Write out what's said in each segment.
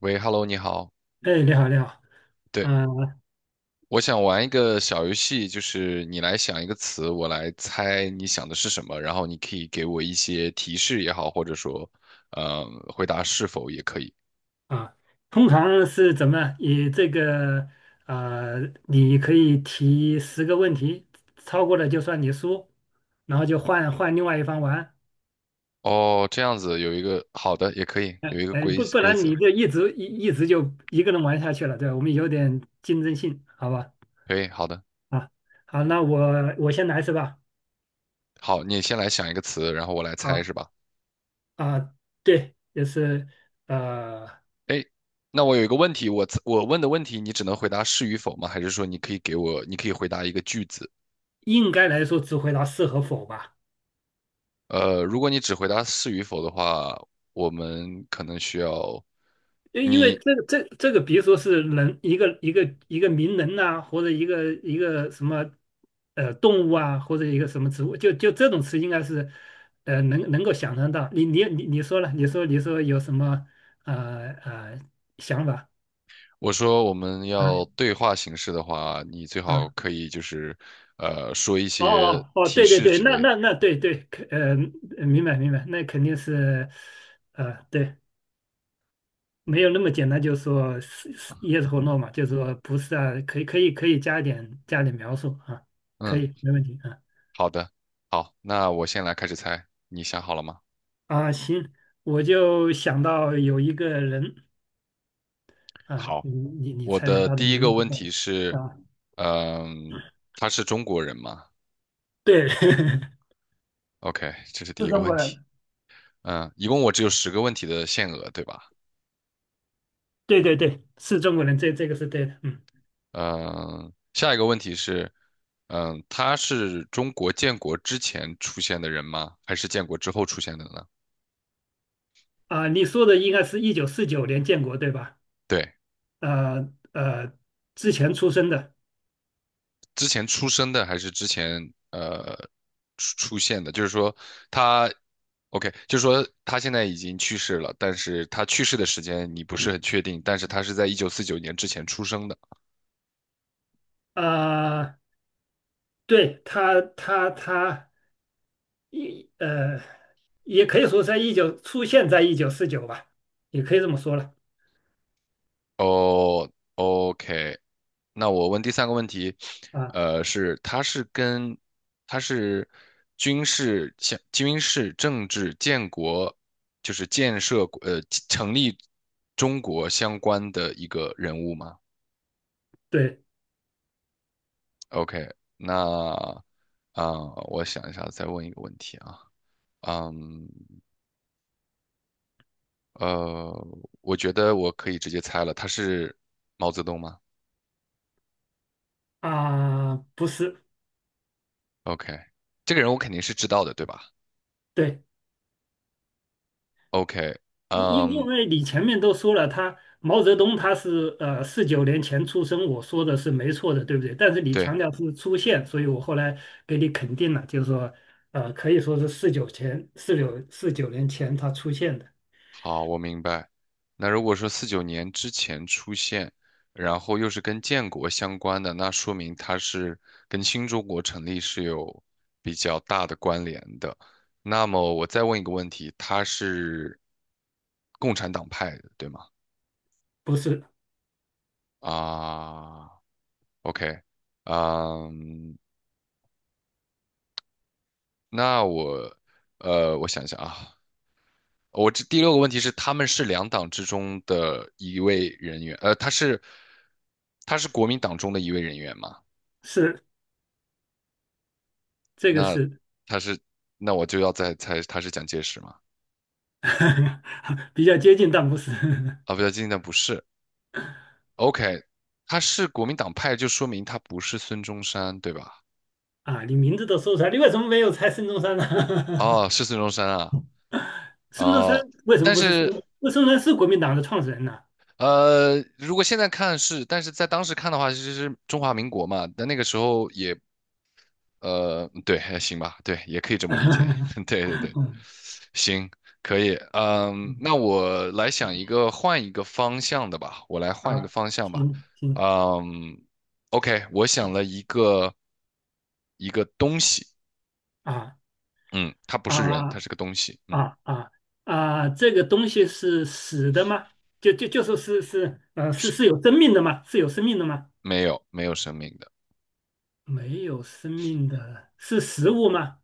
喂，Hello，你好。哎，你好，你好。对，嗯、我想玩一个小游戏，就是你来想一个词，我来猜你想的是什么，然后你可以给我一些提示也好，或者说，呃，回答是否也可以。啊，通常是怎么样以这个呃，你可以提十个问题，超过了就算你输，然后就换另外一方玩。哦，这样子有一个好的也可以，有一个哎，规不不规然则，你就一直就一个人玩下去了，对吧？我们有点竞争性，好吧？可以，好的，啊，好，那我先来是吧？好，你先来想一个词，然后我来猜好是吧？啊，对，就是呃，哎，那我有一个问题，我问的问题你只能回答是与否吗？还是说你可以给我，你可以回答一个句子？应该来说只回答是和否吧。如果你只回答是与否的话，我们可能需要因为你。这个，比如说是人一个名人呐、或者一个什么动物啊，或者一个什么植物，这种词应该是能够想象到。你说了，你说有什么呃呃想法我说我们啊？要对话形式的话，你最好啊？可以就是说一哦些哦哦，提对对示对，之那类的。那那对对，明白明白。那肯定是呃对没有那么简单，就是说是 yes or no 嘛，就是说不是啊，可以可以可以加一点描述啊，可嗯，以没问题啊。好的，好，那我先来开始猜，你想好了吗？啊行，我就想到有一个人啊，好，你我猜猜的他的第一个名字。问题是，啊？嗯、他是中国人吗对，是？OK，这是第一个中问国题。人。一共我只有10个问题的限额，对吧？对对对，是中国人，这个是对的。嗯嗯，下一个问题是，他是中国建国之前出现的人吗？还是建国之后出现的呢？啊，你说的应该是1949年建国对吧？对，呃呃，之前出生的。之前出生的还是之前出现的？就是说他，OK，就是说他现在已经去世了，但是他去世的时间你不是很确定，但是他是在1949年之前出生的。啊，对他他。他一呃，也可以说在一九出现在一九四九吧，也可以这么说了。哦，OK，那我问第三个问题，啊，呃，是他是跟他是军事、像军事、政治、建国，就是建设成立中国相关的一个人物吗对？OK，那啊、我想一下，再问一个问题啊，嗯，呃，我觉得我可以直接猜了，他是毛泽东吗啊，不是，？OK，这个人我肯定是知道的，对吧对。？OK，因因嗯，因为你前面都说了，他毛泽东他是四九年前出生，我说的是没错的，对不对？但是你对，强调是出现，所以我后来给你肯定了，就是说，可以说是四九年前他出现的。好，我明白。那如果说四九年之前出现，然后又是跟建国相关的，那说明它是跟新中国成立是有比较大的关联的。那么我再问一个问题，它是共产党派的，对吗？不是，啊，OK，嗯，那我想想啊，我这第六个问题是，他们是两党之中的一位人员，他是国民党中的一位人员嘛？是这个那是 他是，那我就要再猜他是蒋介石吗？比较接近，但不是。啊，不对，今那不是。OK，他是国民党派，就说明他不是孙中山，对吧？啊，你名字都说出来，你为什么没有猜孙中山呢？哦，是孙中山啊，孙中山哦，为什么但不是孙是中？孙中山是国民党的创始人呢？如果现在看是，但是在当时看的话，其实是中华民国嘛，但那个时候也对，还行吧，对，也可以这么理解，对对对，嗯行，可以，嗯那我来想一个换一个方向的吧，我来换一个啊，方向吧，行行嗯，OK，我想了一个东西，啊。嗯，它不是人，它啊是个东西，啊啊这个东西是死的吗？就说是是呃是是是有生命的吗？是有生命的吗？没有生命的，没有生命的是食物吗？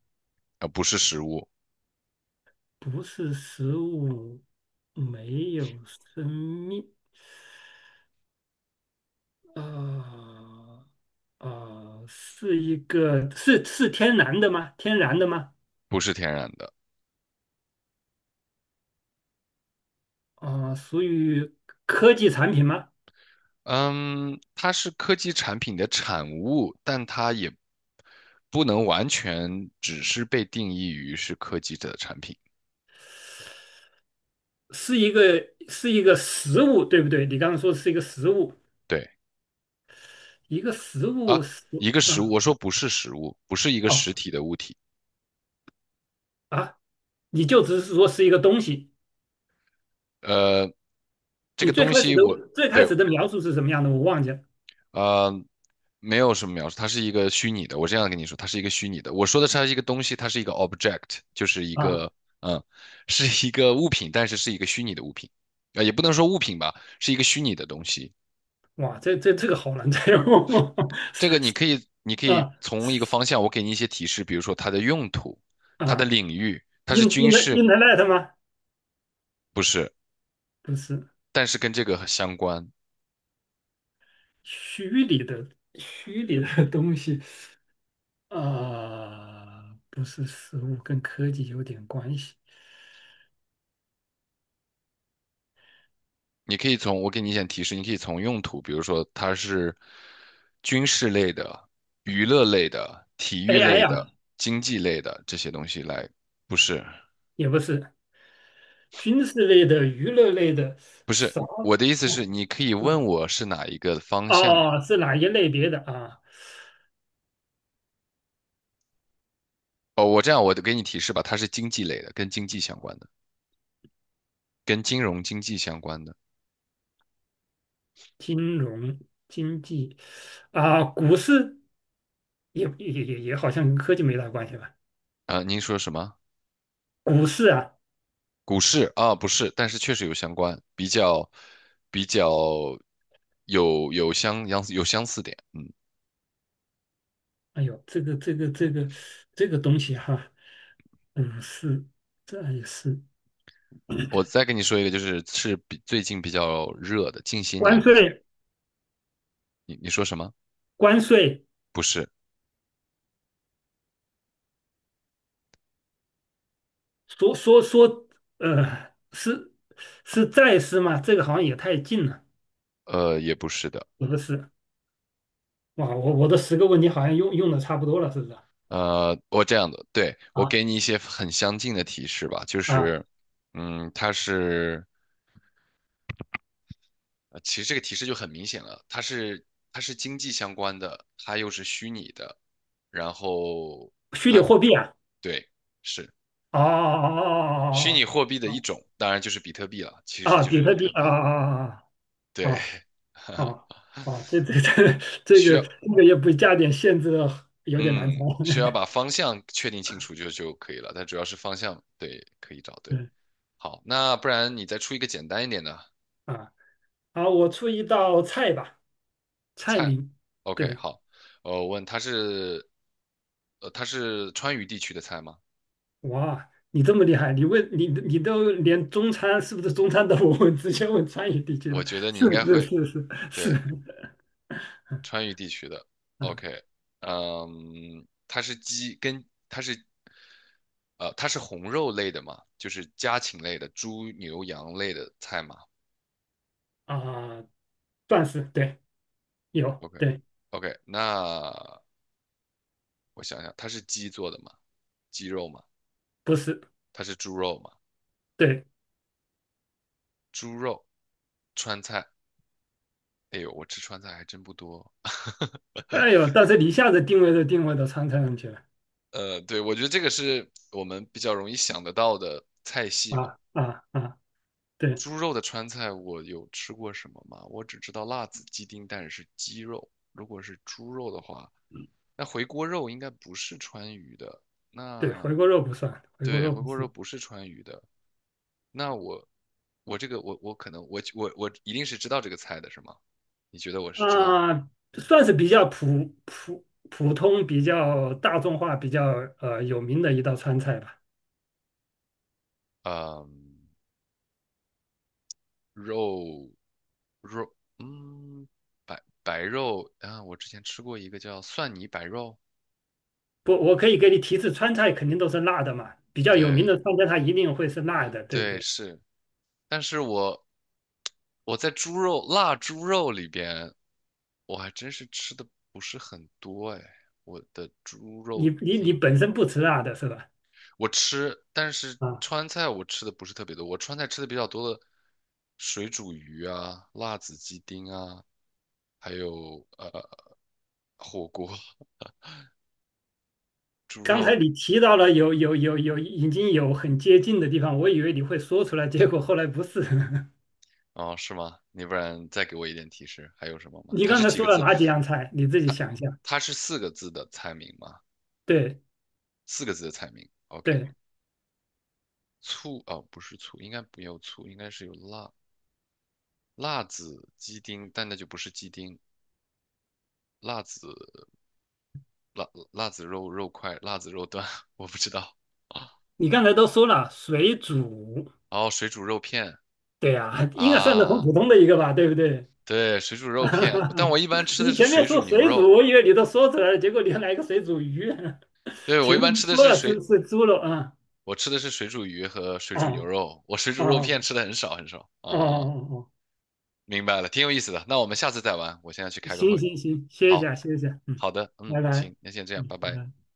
不是食物，不是食物，没有生命。呃，是一个是是天然的吗？天然的吗？不是天然的，属于科技产品吗？嗯，它是科技产品的产物，但它也不能完全只是被定义于是科技的产品。是一个实物，对不对？你刚刚说是一个实物，对一个实啊，物食一个实物，啊我说不是实物，不是一个哦实体的物体。啊，你就只是说是一个东西。呃，这你个最东开始西的我最开对始的描述是什么样的？我忘记了。呃没有什么描述，它是一个虚拟的。我这样跟你说，它是一个虚拟的。我说的是它是一个东西，它是一个 object，就是一啊！个嗯，是一个物品，但是是一个虚拟的物品。啊，也不能说物品吧，是一个虚拟的东西。哇，这个好难猜哦！这个你可以，你可 以啊从一个方向，我给你一些提示，比如说它的用途、它的啊领域，它是，in in 军 the 事，internet 吗？不是，不是但是跟这个相关。虚拟的，虚拟的东西。呃，不是实物，跟科技有点关系。你可以从，我给你一些提示，你可以从用途，比如说它是军事类的、娱乐类的、体育 AI 类呀、的、经济类的这些东西来，不是，也不是，军事类的、娱乐类的，不是，啥？我的意思是，哦，你可以问嗯，我是哪一个方向。哦是哪一类别的啊？哦，我这样，我给你提示吧，它是经济类的，跟经济相关的，跟金融经济相关的。金融、经济啊，股市也也也也好像跟科技没大关系吧？啊、您说什么？股市啊。股市啊，不是，但是确实有相关，比较有相似点。哎呦，这个东西哈、股市这也是我再跟你说一个，就是比最近比较热的，近些关年比较，税。你说什么？关税不是，说说说，呃，是是再师吗？这个好像也太近了，也不是的，也不是。哇，我我的十个问题好像用的差不多了，是不是？我这样的，对，我啊给你一些很相近的提示吧，就啊，是，它是，其实这个提示就很明显了，它是经济相关的，它又是虚拟的，然后虚拟它货币啊。对。是。哦哦虚拟哦货币的哦一哦种，当然就是比特币了，其哦，实啊，就比是比特币特啊啊币。啊啊对，啊啊！啊，这需个要，也不加点限制，有点难猜。嗯，需要把方向确定清楚就可以了，但主要是方向，对，可以找对。对好，那不然你再出一个简单一点的啊，好，我出一道菜吧，菜菜。名。OK，对，好，我问他是，他是川渝地区的菜吗？哇，你这么厉害，你问你你都连中餐是不是中餐都不问，直接问川渝地区我的，觉得你是应该会，是。对，川渝地区的嗯，OK，它是鸡跟它是，呃，它是红肉类的嘛，就是家禽类的，猪、牛、羊类的菜嘛。啊，算是对，有对，OK，OK，那我想想，它是鸡做的嘛，鸡肉嘛，不是它是猪肉嘛，对。猪肉川菜。哎呦，我吃川菜还真不多。哎呦，但是你一下子定位都定位到川菜上去了。对，我觉得这个是我们比较容易想得到的菜系嘛。啊啊啊，对猪肉的川菜我有吃过什么吗？我只知道辣子鸡丁蛋是鸡肉，如果是猪肉的话，那回锅肉应该不是川渝的。对，那回锅肉不算，回锅对，肉回不锅肉算。不是川渝的。那我这个我可能我一定是知道这个菜的是吗？你觉得我是知道？啊，算是比较普普通、比较大众化、比较有名的一道川菜吧。嗯，肉肉嗯白白肉啊，我之前吃过一个叫蒜泥白肉，不，我可以给你提示，川菜肯定都是辣的嘛，比较有名对的川菜它一定会是辣的，对不对对？是，但是我在猪肉腊猪肉里边，我还真是吃的不是很多哎。我的猪你肉你丁本身不吃辣的是吧？我吃，但是啊，川菜我吃的不是特别多。我川菜吃的比较多的，水煮鱼啊、辣子鸡丁啊，还有火锅。刚才你提到了有有有有已经有很接近的地方，我以为你会说出来，结果后来不是。哦，是吗？你不然再给我一点提示，还有什么吗？你它刚是才几说个了字？哪几样菜？你自己想一下。它是四个字的菜名吗？对四个字的菜名。OK，对，醋哦，不是醋，应该没有醋，应该是有辣。辣子鸡丁，但那就不是鸡丁，辣子辣子肉块，辣子肉段，我不知道。你刚才都说了水煮，然后水煮肉片对呀、应该算是很啊，普通的一个吧，对不对？对，水煮肉片，但我 一般吃的你是前面水说煮牛水煮，肉，我以为你都说出来了，结果你还来个水煮鱼。对，我一前面般吃的说是了水，是猪肉啊。我吃的是水煮鱼和水煮牛哦肉，我水煮肉哦片吃的很少很少。哦哦，哦哦，明白了，挺有意思的。那我们下次再玩，我现在去开个行会。行行，歇一好，下歇一下，嗯，好的，嗯，拜拜，行，那先这样，嗯，拜拜拜。拜。